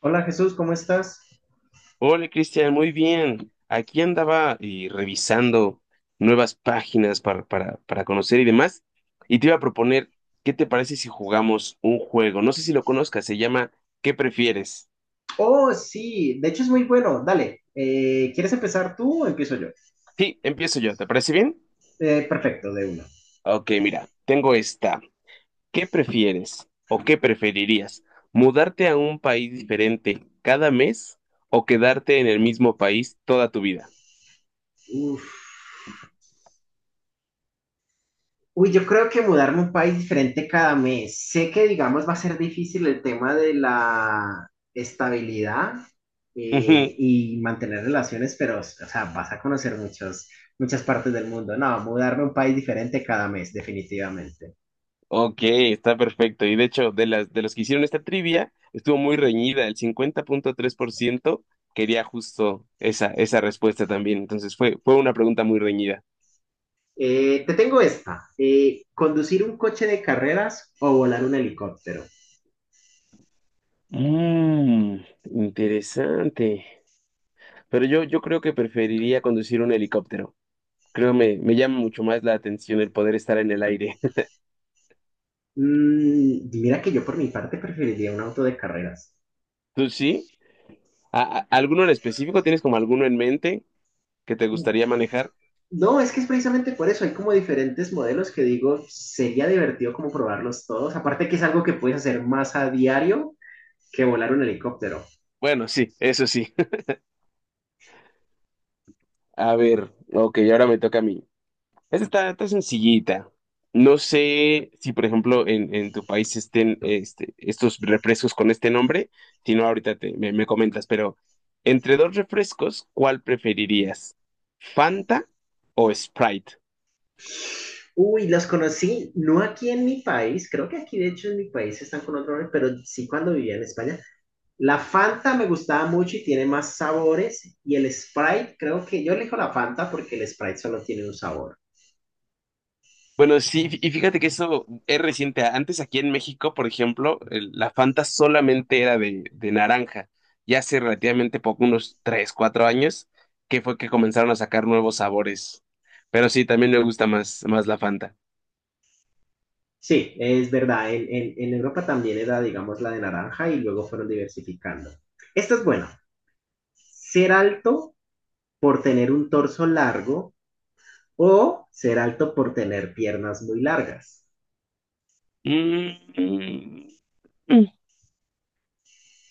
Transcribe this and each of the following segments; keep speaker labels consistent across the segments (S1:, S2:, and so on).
S1: Hola Jesús, ¿cómo estás?
S2: Hola Cristian, muy bien. Aquí andaba y revisando nuevas páginas para conocer y demás. Y te iba a proponer, ¿qué te parece si jugamos un juego? No sé si lo conozcas, se llama ¿Qué prefieres?
S1: Oh, sí, de hecho es muy bueno. Dale, ¿quieres empezar tú o empiezo yo?
S2: Sí, empiezo yo, ¿te parece bien?
S1: Perfecto, de una.
S2: Ok, mira, tengo esta. ¿Qué prefieres o qué preferirías? ¿Mudarte a un país diferente cada mes o quedarte en el mismo país toda tu vida?
S1: Uf. Uy, yo creo que mudarme a un país diferente cada mes. Sé que, digamos, va a ser difícil el tema de la estabilidad, y mantener relaciones, pero, o sea, vas a conocer muchas partes del mundo. No, mudarme a un país diferente cada mes, definitivamente.
S2: Ok, está perfecto. Y de hecho, de los que hicieron esta trivia, estuvo muy reñida. El 50.3% quería justo esa respuesta también. Entonces fue una pregunta muy reñida.
S1: Te tengo esta. ¿Conducir un coche de carreras o volar un helicóptero?
S2: Mmm, Interesante. Pero yo creo que preferiría conducir un helicóptero. Creo me llama mucho más la atención el poder estar en el aire.
S1: Mm, mira que yo por mi parte preferiría un auto de carreras.
S2: ¿Tú sí? ¿Alguno en específico? ¿Tienes como alguno en mente que te gustaría manejar?
S1: No, es que es precisamente por eso, hay como diferentes modelos que digo, sería divertido como probarlos todos, aparte que es algo que puedes hacer más a diario que volar un helicóptero.
S2: Bueno, sí, eso sí. A ver, ok, ahora me toca a mí. Esta está sencillita. No sé si, por ejemplo, en tu país estén este, estos refrescos con este nombre. Si no, ahorita me comentas, pero entre dos refrescos, ¿cuál preferirías? ¿Fanta o Sprite?
S1: Uy, los conocí, no aquí en mi país, creo que aquí de hecho en mi país están con otro nombre, pero sí cuando vivía en España. La Fanta me gustaba mucho y tiene más sabores, y el Sprite, creo que yo elijo la Fanta porque el Sprite solo tiene un sabor.
S2: Bueno, sí, y fíjate que eso es reciente. Antes aquí en México, por ejemplo, la Fanta solamente era de naranja. Y hace relativamente poco, unos 3 4 años, que fue que comenzaron a sacar nuevos sabores. Pero sí, también me gusta más la Fanta.
S1: Sí, es verdad. En Europa también era, digamos, la de naranja y luego fueron diversificando. Esto es bueno. Ser alto por tener un torso largo o ser alto por tener piernas muy largas.
S2: Mm, mm.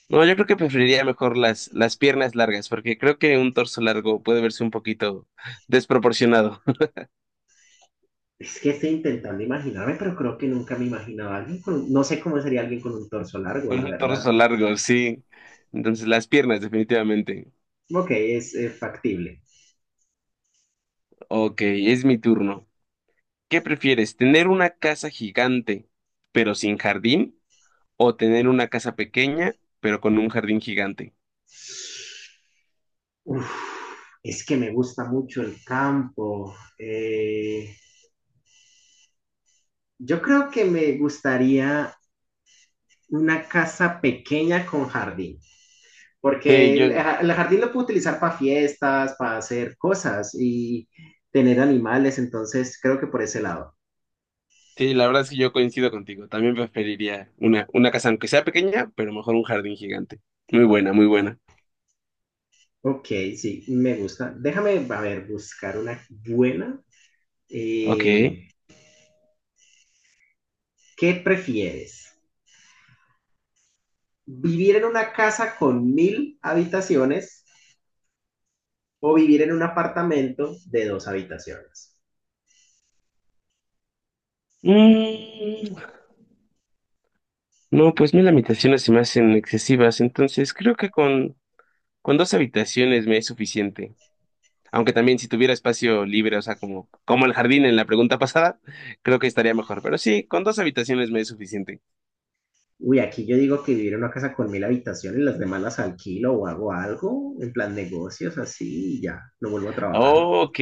S2: No, yo creo que preferiría mejor las piernas largas, porque creo que un torso largo puede verse un poquito desproporcionado.
S1: Es que estoy intentando imaginarme, pero creo que nunca me imaginaba a alguien con, no sé cómo sería alguien con un torso largo,
S2: Con
S1: la
S2: un
S1: verdad.
S2: torso largo, sí. Entonces, las piernas, definitivamente.
S1: Ok, es, factible.
S2: Ok, es mi turno. ¿Qué prefieres, tener una casa gigante, pero sin jardín? ¿O tener una casa pequeña, pero con un jardín gigante?
S1: Uf, es que me gusta mucho el campo. Yo creo que me gustaría una casa pequeña con jardín,
S2: Sí,
S1: porque
S2: yo,
S1: el jardín lo puedo utilizar para fiestas, para hacer cosas y tener animales, entonces creo que por ese lado.
S2: sí, la verdad es que yo coincido contigo. También preferiría una casa, aunque sea pequeña, pero mejor un jardín gigante. Muy buena, muy buena.
S1: Ok, sí, me gusta. Déjame, a ver, buscar una buena.
S2: Ok.
S1: Eh, ¿Qué prefieres? ¿Vivir en una casa con 1000 habitaciones o vivir en un apartamento de dos habitaciones?
S2: Mm, no, pues 1000 habitaciones se me hacen excesivas, entonces creo que con dos habitaciones me es suficiente. Aunque también si tuviera espacio libre, o sea, como el jardín en la pregunta pasada, creo que estaría mejor. Pero sí, con dos habitaciones me es suficiente.
S1: Uy, aquí yo digo que vivir en una casa con mil habitaciones, las demás las alquilo o hago algo, en plan negocios, así, y ya, no vuelvo a trabajar.
S2: Oh, ok,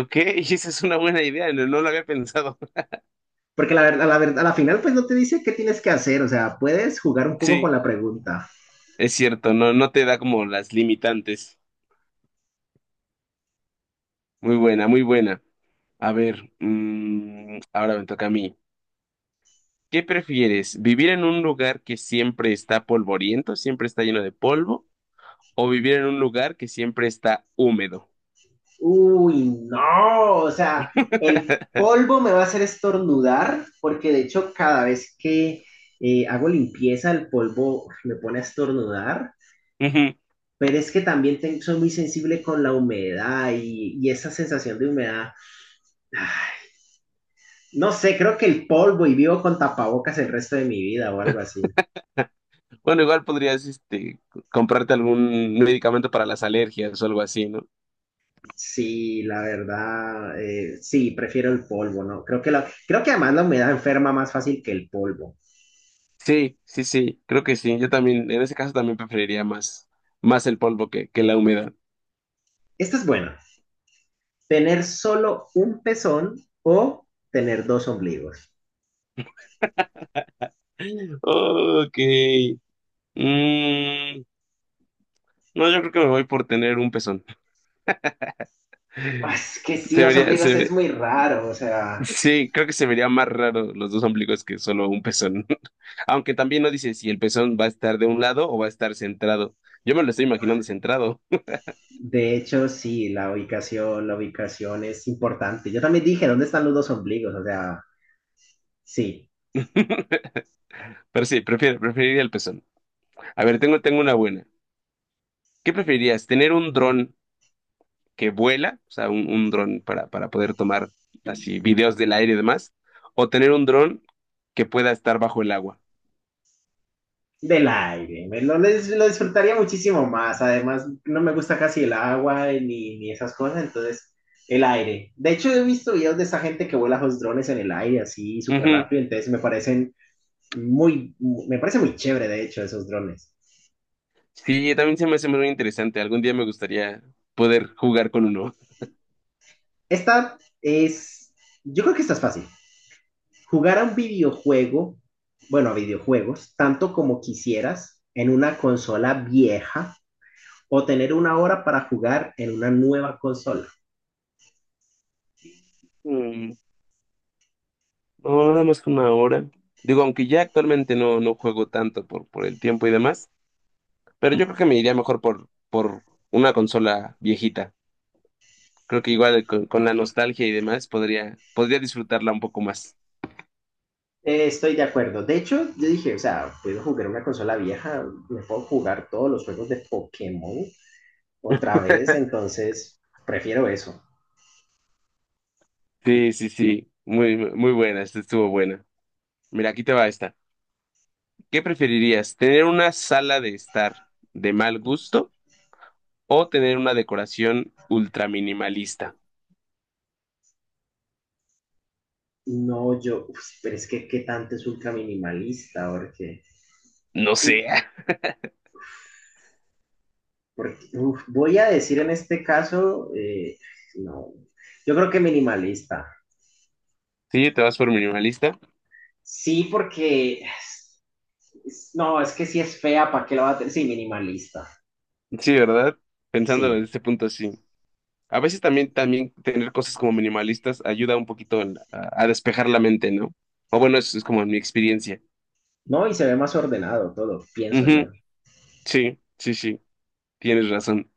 S2: ok, esa es una buena idea, no, no lo había pensado.
S1: Porque la verdad, a la final, pues no te dice qué tienes que hacer, o sea, puedes jugar un poco con
S2: Sí,
S1: la pregunta.
S2: es cierto, no, no te da como las limitantes. Muy buena, muy buena. A ver, ahora me toca a mí. ¿Qué prefieres? ¿Vivir en un lugar que siempre está polvoriento, siempre está lleno de polvo, o vivir en un lugar que siempre está húmedo?
S1: Uy, no, o sea, el polvo me va a hacer estornudar, porque de hecho, cada vez que hago limpieza, el polvo me pone a estornudar,
S2: Ujú.
S1: pero es que también tengo, soy muy sensible con la humedad y esa sensación de humedad. Ah, no sé, creo que el polvo y vivo con tapabocas el resto de mi vida o algo así.
S2: Bueno, igual podrías, este, comprarte algún medicamento para las alergias o algo así, ¿no?
S1: Sí, la verdad, sí, prefiero el polvo, ¿no? Creo que además la humedad enferma más fácil que el polvo.
S2: Sí, sí, sí, creo que sí. Yo también, en ese caso también preferiría más el polvo que la humedad.
S1: Esta es buena. ¿Tener solo un pezón o tener dos ombligos?
S2: Ok. Mm, no, yo creo que me voy por tener un pezón.
S1: Ah, es que sí,
S2: Se
S1: dos
S2: vería,
S1: ombligos es
S2: se,
S1: muy raro, o sea,
S2: Sí, creo que se vería más raro los dos ombligos que solo un pezón. Aunque también no dice si el pezón va a estar de un lado o va a estar centrado. Yo me lo estoy imaginando centrado,
S1: de hecho, sí, la ubicación es importante. Yo también dije, ¿dónde están los dos ombligos? O sea, sí,
S2: pero sí, preferiría el pezón. A ver, tengo una buena. ¿Qué preferirías? ¿Tener un dron que vuela? O sea, un dron para poder tomar así videos del aire y demás. ¿O tener un dron que pueda estar bajo el agua?
S1: del aire, lo disfrutaría muchísimo más. Además, no me gusta casi el agua, ni esas cosas, entonces el aire. De hecho, he visto videos de esa gente que vuela los drones en el aire así súper
S2: Ujú.
S1: rápido, entonces muy, me parece muy chévere, de hecho, esos drones.
S2: Sí, también se me hace muy interesante. Algún día me gustaría poder jugar con uno.
S1: Esta es, yo creo que esta es fácil. Jugar a un videojuego, bueno, a videojuegos, tanto como quisieras en una consola vieja, o tener una hora para jugar en una nueva consola.
S2: Mm. No, nada más que 1 hora. Digo, aunque ya actualmente no, no juego tanto por el tiempo y demás, pero yo creo que me iría mejor por una consola viejita. Creo que igual con la nostalgia y demás podría disfrutarla un poco más.
S1: Estoy de acuerdo. De hecho, yo dije, o sea, puedo jugar una consola vieja, me puedo jugar todos los juegos de Pokémon otra vez, entonces prefiero eso.
S2: Sí, sí, sí. Muy, muy buena. Esta estuvo buena. Mira, aquí te va esta. ¿Qué preferirías? ¿Tener una sala de estar de mal gusto o tener una decoración ultra minimalista?
S1: No, yo, uf, pero es que qué tanto es ultra minimalista, porque,
S2: No sé.
S1: porque uf, voy a decir en este caso, no, yo creo que minimalista.
S2: Sí, te vas por minimalista.
S1: Sí, no, es que si es fea, ¿para qué la va a tener? Sí, minimalista,
S2: Sí, ¿verdad? Pensándolo
S1: sí.
S2: desde este punto, sí. A veces también tener cosas como minimalistas ayuda un poquito a despejar la mente, ¿no? O bueno, eso es como mi experiencia.
S1: No, y se ve más ordenado todo, pienso yo.
S2: Ujú. Sí, sí, sí, tienes razón.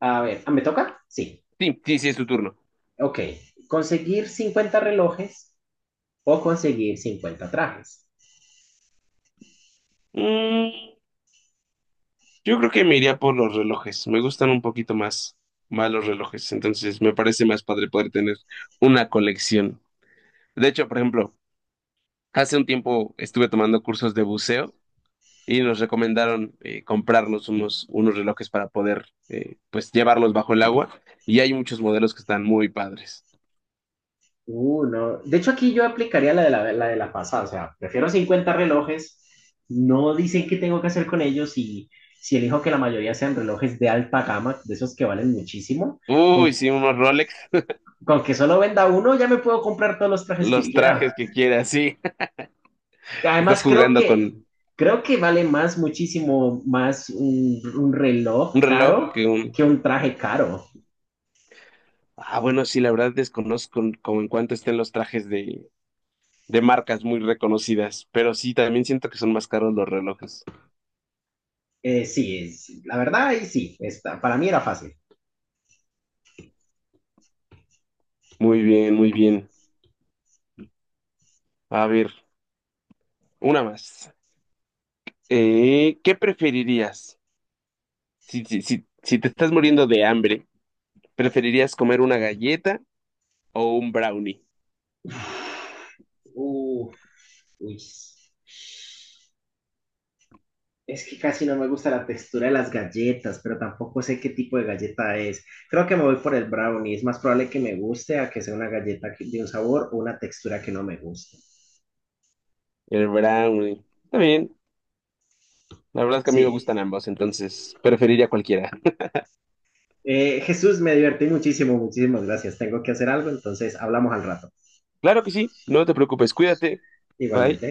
S1: A ver, ah, ¿me toca? Sí.
S2: Sí, sí, sí, es tu turno.
S1: Ok. Conseguir 50 relojes o conseguir 50 trajes.
S2: Mm, yo creo que me iría por los relojes. Me gustan un poquito más los relojes. Entonces me parece más padre poder tener una colección. De hecho, por ejemplo, hace un tiempo estuve tomando cursos de buceo y nos recomendaron comprarnos unos relojes para poder pues llevarlos bajo el agua y hay muchos modelos que están muy padres.
S1: No. De hecho, aquí yo aplicaría la de la pasada. O sea, prefiero 50 relojes. No dicen qué tengo que hacer con ellos y si elijo que la mayoría sean relojes de alta gama, de esos que valen muchísimo, con,
S2: Uy, sí, unos Rolex,
S1: con que solo venda uno ya me puedo comprar todos los trajes que
S2: los
S1: quiera.
S2: trajes que quieras, sí.
S1: Que
S2: Estás
S1: además,
S2: jugando con
S1: creo que vale más, muchísimo más un reloj
S2: un reloj
S1: caro
S2: que un...
S1: que un traje caro.
S2: Ah, bueno, sí, la verdad desconozco como en cuánto estén los trajes de marcas muy reconocidas, pero sí, también siento que son más caros los relojes.
S1: Sí, la verdad, ahí sí, está, para mí era fácil.
S2: Muy bien, muy bien. A ver, una más. ¿Qué preferirías? Si te estás muriendo de hambre, ¿preferirías comer una galleta o un brownie?
S1: Uf, uy. Es que casi no me gusta la textura de las galletas, pero tampoco sé qué tipo de galleta es. Creo que me voy por el brownie. Es más probable que me guste a que sea una galleta de un sabor o una textura que no me guste.
S2: El brownie. Está bien. La verdad es que a mí me
S1: Sí.
S2: gustan ambos, entonces preferiría cualquiera.
S1: Jesús, me divertí muchísimo, muchísimas gracias. Tengo que hacer algo, entonces hablamos al rato.
S2: Claro que sí. No te preocupes. Cuídate. Bye.
S1: Igualmente.